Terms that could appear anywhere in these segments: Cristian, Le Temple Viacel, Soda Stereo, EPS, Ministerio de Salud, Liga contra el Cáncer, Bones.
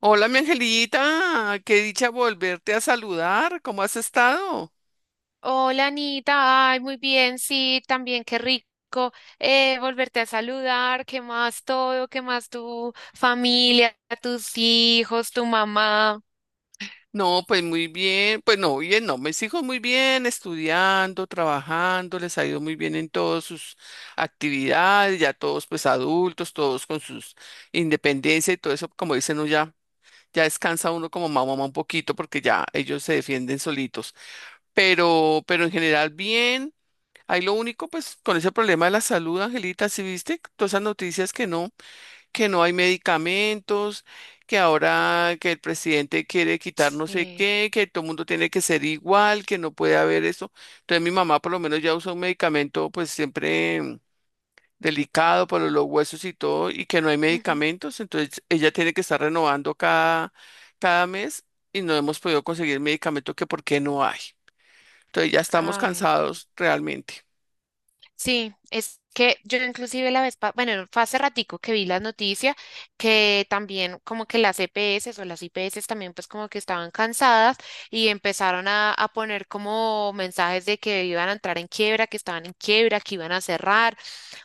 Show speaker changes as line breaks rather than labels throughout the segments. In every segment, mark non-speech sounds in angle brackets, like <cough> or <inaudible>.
Hola, mi angelita, qué dicha volverte a saludar. ¿Cómo has estado?
Hola Anita, ay, muy bien, sí, también qué rico volverte a saludar, qué más todo, qué más tu familia, tus hijos, tu mamá.
No, pues muy bien, pues no, bien, no, mis hijos muy bien, estudiando, trabajando, les ha ido muy bien en todas sus actividades, ya todos pues adultos, todos con sus independencia y todo eso, como dicen, uno ya, ya descansa uno como mamá, mamá un poquito porque ya ellos se defienden solitos, pero en general bien. Ahí lo único, pues con ese problema de la salud, Angelita, ¿sí viste todas esas noticias que no? Que no hay medicamentos, que ahora que el presidente quiere quitar no sé
Sí.
qué, que todo el mundo tiene que ser igual, que no puede haber eso. Entonces mi mamá por lo menos ya usa un medicamento pues siempre delicado para los huesos y todo, y que no hay
Ujú.
medicamentos, entonces ella tiene que estar renovando cada, cada mes y no hemos podido conseguir medicamento que por qué no hay. Entonces ya estamos
Ay, no.
cansados realmente.
Sí, es que yo inclusive la vez, bueno, fue hace ratico que vi la noticia que también como que las EPS o las IPS también pues como que estaban cansadas y empezaron a poner como mensajes de que iban a entrar en quiebra, que estaban en quiebra, que iban a cerrar.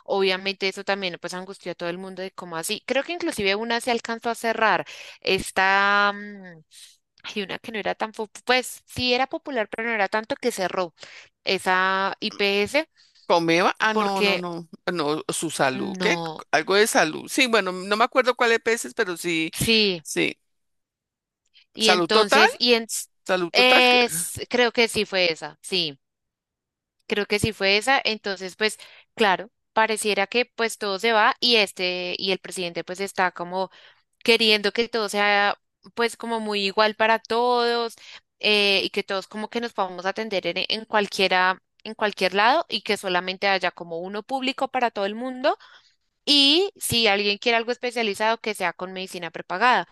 Obviamente eso también pues angustió a todo el mundo de cómo así. Creo que inclusive una se alcanzó a cerrar. Esta, hay una que no era tan, pues sí era popular, pero no era tanto, que cerró esa IPS
Comeba, ah, no, no,
porque
no, no, su salud, ¿qué?
no,
Algo de salud. Sí, bueno, no me acuerdo cuál es peces, pero sí,
sí.
sí.
Y
Salud total,
entonces,
salud total.
creo que sí fue esa, sí, creo que sí fue esa. Entonces, pues claro, pareciera que pues todo se va y este, y el presidente pues está como queriendo que todo sea pues como muy igual para todos, y que todos como que nos podamos atender en cualquiera, en cualquier lado y que solamente haya como uno público para todo el mundo y si alguien quiere algo especializado que sea con medicina prepagada.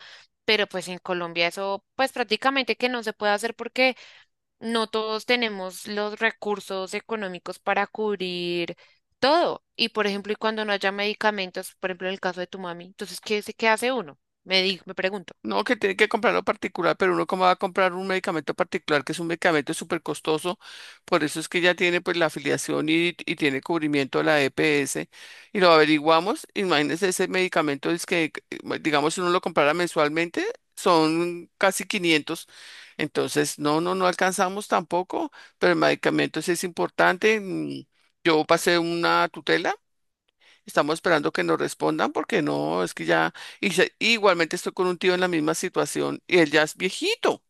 Pero pues en Colombia eso pues prácticamente que no se puede hacer porque no todos tenemos los recursos económicos para cubrir todo. Y por ejemplo, y cuando no haya medicamentos, por ejemplo, en el caso de tu mami, entonces, ¿ qué hace uno? Me digo, me pregunto.
No, que tiene que comprarlo particular, pero uno cómo va a comprar un medicamento particular, que es un medicamento súper costoso, por eso es que ya tiene pues la afiliación y tiene cubrimiento de la EPS, y lo averiguamos, imagínense ese medicamento, es que, digamos, si uno lo comprara mensualmente, son casi 500, entonces no, no, no alcanzamos tampoco, pero el medicamento sí es importante. Yo pasé una tutela. Estamos esperando que nos respondan porque no, es que ya, igualmente estoy con un tío en la misma situación y él ya es viejito.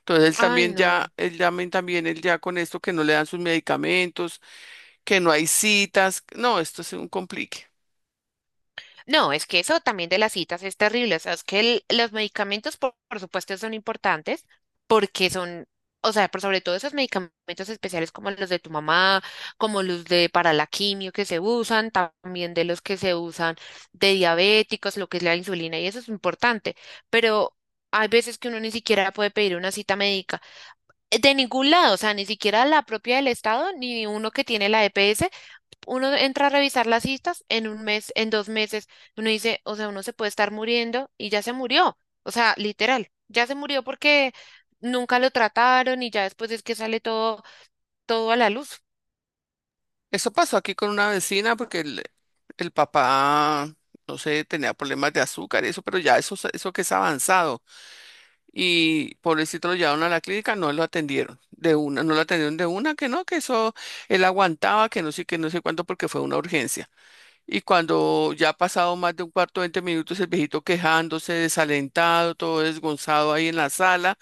Entonces él
Ay,
también
no.
ya, él también, él ya con esto que no le dan sus medicamentos, que no hay citas. No, esto es un complique.
No, es que eso también de las citas es terrible. O sea, es que los medicamentos, por supuesto, son importantes porque son, o sea, pero sobre todo esos medicamentos especiales como los de tu mamá, como los de para la quimio que se usan, también de los que se usan de diabéticos, lo que es la insulina, y eso es importante. Pero hay veces que uno ni siquiera puede pedir una cita médica de ningún lado, o sea, ni siquiera la propia del Estado, ni uno que tiene la EPS. Uno entra a revisar las citas en un mes, en dos meses, uno dice, o sea, uno se puede estar muriendo y ya se murió, o sea, literal, ya se murió porque nunca lo trataron y ya después es que sale todo, todo a la luz.
Eso pasó aquí con una vecina porque el papá, no sé, tenía problemas de azúcar y eso, pero ya eso, eso que es avanzado. Y pobrecito lo llevaron a la clínica, no lo atendieron de una, no lo atendieron de una, que no, que eso él aguantaba, que no sé cuánto, porque fue una urgencia. Y cuando ya ha pasado más de un cuarto, 20 minutos, el viejito quejándose, desalentado, todo desgonzado ahí en la sala,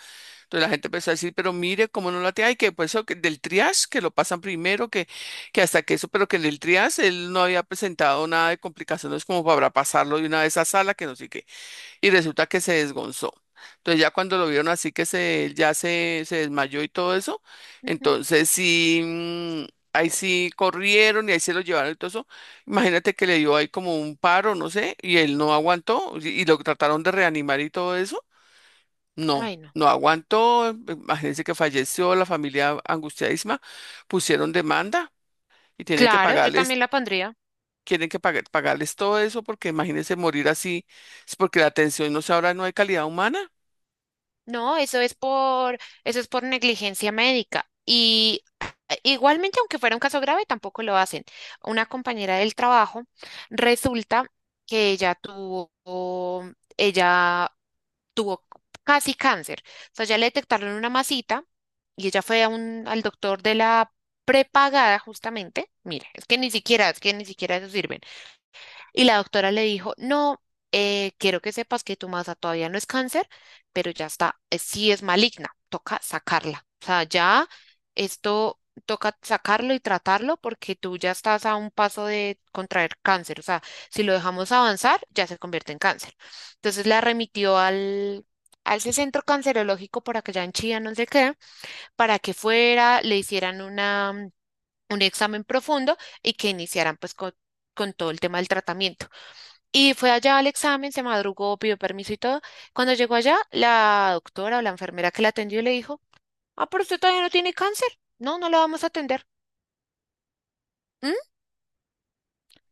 entonces la gente empezó a decir, pero mire cómo no lo atiende y que pues eso que del triage, que lo pasan primero, que hasta que eso, pero que en el triage él no había presentado nada de complicaciones como para pasarlo de una vez a sala, que no sé qué y resulta que se desgonzó. Entonces ya cuando lo vieron así que se, ya se desmayó y todo eso,
Ujú.
entonces sí, ahí sí corrieron y ahí se lo llevaron y todo eso. Imagínate que le dio ahí como un paro, no sé, y él no aguantó y lo trataron de reanimar y todo eso. No,
Ay, no.
no aguantó, imagínense que falleció, la familia angustiadísima, pusieron demanda y tienen que
Claro, yo
pagarles.
también la pondría.
Pagarles todo eso porque imagínense morir así, es porque la atención no se ahora no hay calidad humana.
No, eso es por negligencia médica. Y igualmente, aunque fuera un caso grave, tampoco lo hacen. Una compañera del trabajo resulta que ella tuvo casi cáncer. O sea, ya le detectaron una masita y ella fue a al doctor de la prepagada justamente. Mira, es que ni siquiera, es que ni siquiera eso sirve. Y la doctora le dijo, no, quiero que sepas que tu masa todavía no es cáncer, pero ya está, sí es maligna, toca sacarla. O sea, ya esto toca sacarlo y tratarlo porque tú ya estás a un paso de contraer cáncer. O sea, si lo dejamos avanzar, ya se convierte en cáncer. Entonces la remitió al... a ese centro cancerológico por allá en Chía, no sé qué, para que fuera, le hicieran una, un examen profundo y que iniciaran pues con todo el tema del tratamiento. Y fue allá al examen, se madrugó, pidió permiso y todo. Cuando llegó allá, la doctora o la enfermera que la atendió le dijo, ah, pero usted todavía no tiene cáncer. No, no la vamos a atender. ¿Mm?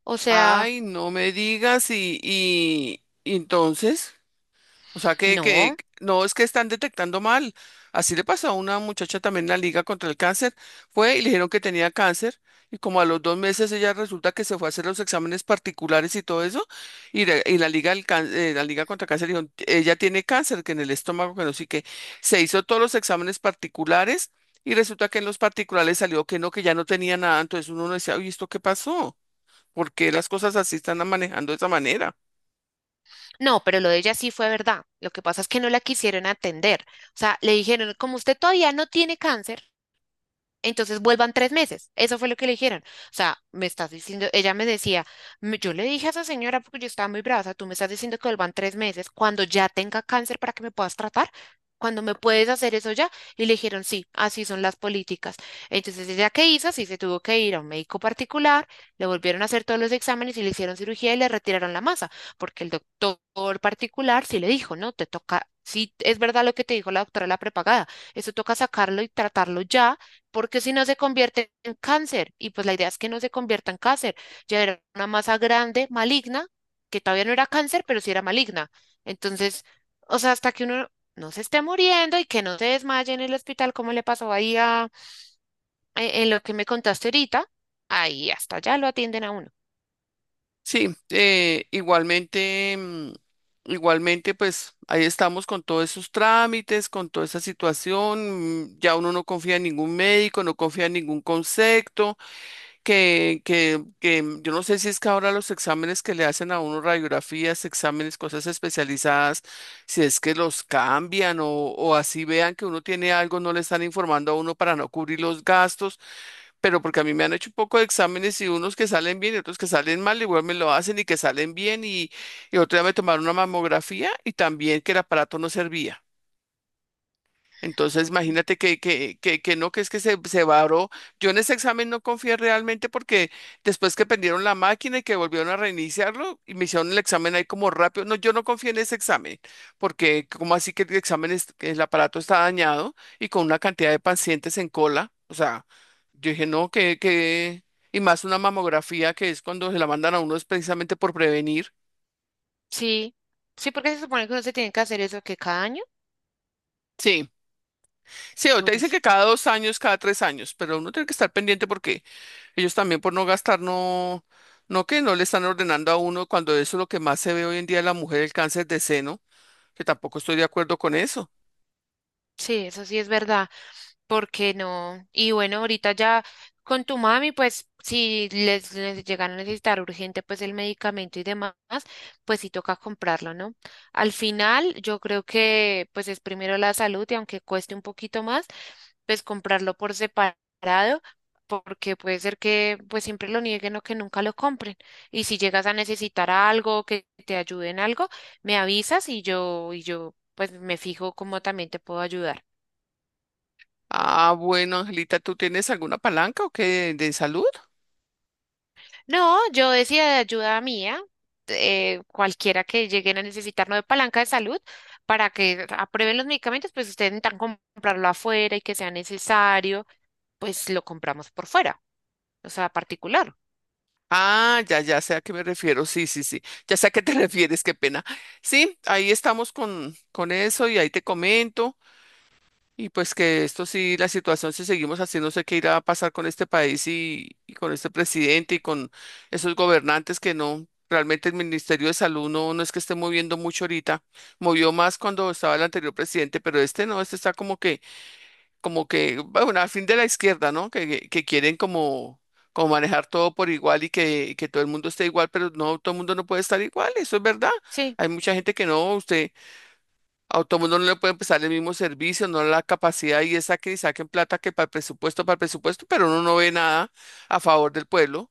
O sea,
Ay, no me digas y entonces, o sea que
no,
no es que están detectando mal. Así le pasó a una muchacha también en la Liga contra el Cáncer. Fue y le dijeron que tenía cáncer y como a los 2 meses ella resulta que se fue a hacer los exámenes particulares y todo eso y, la Liga, la Liga contra el Cáncer dijo, ella tiene cáncer, que en el estómago, que no sé qué. Se hizo todos los exámenes particulares y resulta que en los particulares salió que no, que ya no tenía nada. Entonces uno no decía, uy, ¿esto qué pasó? ¿Por qué las cosas así están manejando de esa manera?
no, pero lo de ella sí fue verdad. Lo que pasa es que no la quisieron atender. O sea, le dijeron, como usted todavía no tiene cáncer, entonces vuelvan tres meses. Eso fue lo que le dijeron. O sea, me estás diciendo, ella me decía: Yo le dije a esa señora porque yo estaba muy brava, o sea, tú me estás diciendo que vuelvan tres meses cuando ya tenga cáncer para que me puedas tratar, cuando me puedes hacer eso ya". Y le dijeron, sí, así son las políticas. Entonces ella qué hizo, sí se tuvo que ir a un médico particular, le volvieron a hacer todos los exámenes y le hicieron cirugía y le retiraron la masa, porque el doctor particular sí le dijo, no, te toca, sí es verdad lo que te dijo la doctora de la prepagada, eso toca sacarlo y tratarlo ya porque si no se convierte en cáncer, y pues la idea es que no se convierta en cáncer, ya era una masa grande, maligna, que todavía no era cáncer, pero sí era maligna. Entonces, o sea, hasta que uno no se esté muriendo y que no se desmaye en el hospital, como le pasó ahí a, en lo que me contaste ahorita, ahí hasta allá lo atienden a uno.
Sí, igualmente, igualmente, pues ahí estamos con todos esos trámites, con toda esa situación. Ya uno no confía en ningún médico, no confía en ningún concepto. Que yo no sé si es que ahora los exámenes que le hacen a uno, radiografías, exámenes, cosas especializadas, si es que los cambian o así vean que uno tiene algo, no le están informando a uno para no cubrir los gastos, pero porque a mí me han hecho un poco de exámenes y unos que salen bien y otros que salen mal, igual me lo hacen y que salen bien y otro día me tomaron una mamografía y también que el aparato no servía. Entonces,
Mm.
imagínate que no, que es que se varó. Yo en ese examen no confié realmente porque después que prendieron la máquina y que volvieron a reiniciarlo y me hicieron el examen ahí como rápido. No, yo no confié en ese examen porque como así que el examen, que el aparato está dañado y con una cantidad de pacientes en cola. O sea, yo dije, no, y más una mamografía que es cuando se la mandan a uno es precisamente por prevenir.
Sí, sí, porque se supone que uno se tiene que hacer eso que cada año,
Sí. Sí, o te
por
dicen
eso.
que cada 2 años, cada 3 años, pero uno tiene que estar pendiente porque ellos también por no gastar, no, no que no le están ordenando a uno cuando eso es lo que más se ve hoy en día de la mujer, el cáncer de seno, que tampoco estoy de acuerdo con eso.
Sí, eso sí es verdad. ¿Por qué no? Y bueno, ahorita ya con tu mami, pues si les llegan a necesitar urgente pues el medicamento y demás, pues sí toca comprarlo, ¿no? Al final, yo creo que pues es primero la salud y aunque cueste un poquito más, pues comprarlo por separado, porque puede ser que pues siempre lo nieguen o que nunca lo compren. Y si llegas a necesitar algo, que te ayude en algo, me avisas y yo pues me fijo cómo también te puedo ayudar.
Ah, bueno, Angelita, ¿tú tienes alguna palanca o qué de salud?
No, yo decía de ayuda mía, cualquiera que lleguen a necesitarnos de palanca de salud para que aprueben los medicamentos, pues ustedes intentan comprarlo afuera y que sea necesario, pues lo compramos por fuera, o sea, particular.
Ah, ya, ya sé a qué me refiero. Sí, sí, sí. Ya sé a qué te <laughs> refieres, qué pena. Sí, ahí estamos con eso y ahí te comento. Y pues que esto sí, la situación, si seguimos así, no sé qué irá a pasar con este país y con este presidente y con esos gobernantes que no, realmente el Ministerio de Salud no, no es que esté moviendo mucho ahorita, movió más cuando estaba el anterior presidente, pero este no, este está como que, bueno, al fin de la izquierda, ¿no? Que que quieren como, como manejar todo por igual que todo el mundo esté igual, pero no, todo el mundo no puede estar igual, eso es verdad.
Sí,
Hay mucha gente que no, usted... A todo no le pueden prestar el mismo servicio, no la capacidad y esa que saquen plata que para el presupuesto, pero uno no ve nada a favor del pueblo.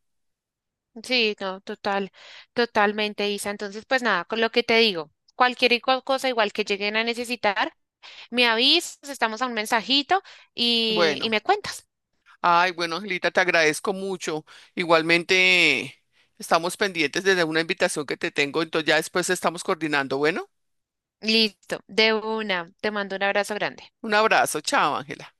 sí, no, total, totalmente, Isa. Entonces, pues nada, con lo que te digo, cualquier y cual cosa igual que lleguen a necesitar, me avisas, estamos a un mensajito y
Bueno,
me cuentas.
ay, bueno, Angelita, te agradezco mucho. Igualmente, estamos pendientes de una invitación que te tengo, entonces ya después estamos coordinando. Bueno,
Listo, de una, te mando un abrazo grande.
un abrazo, chao, Ángela.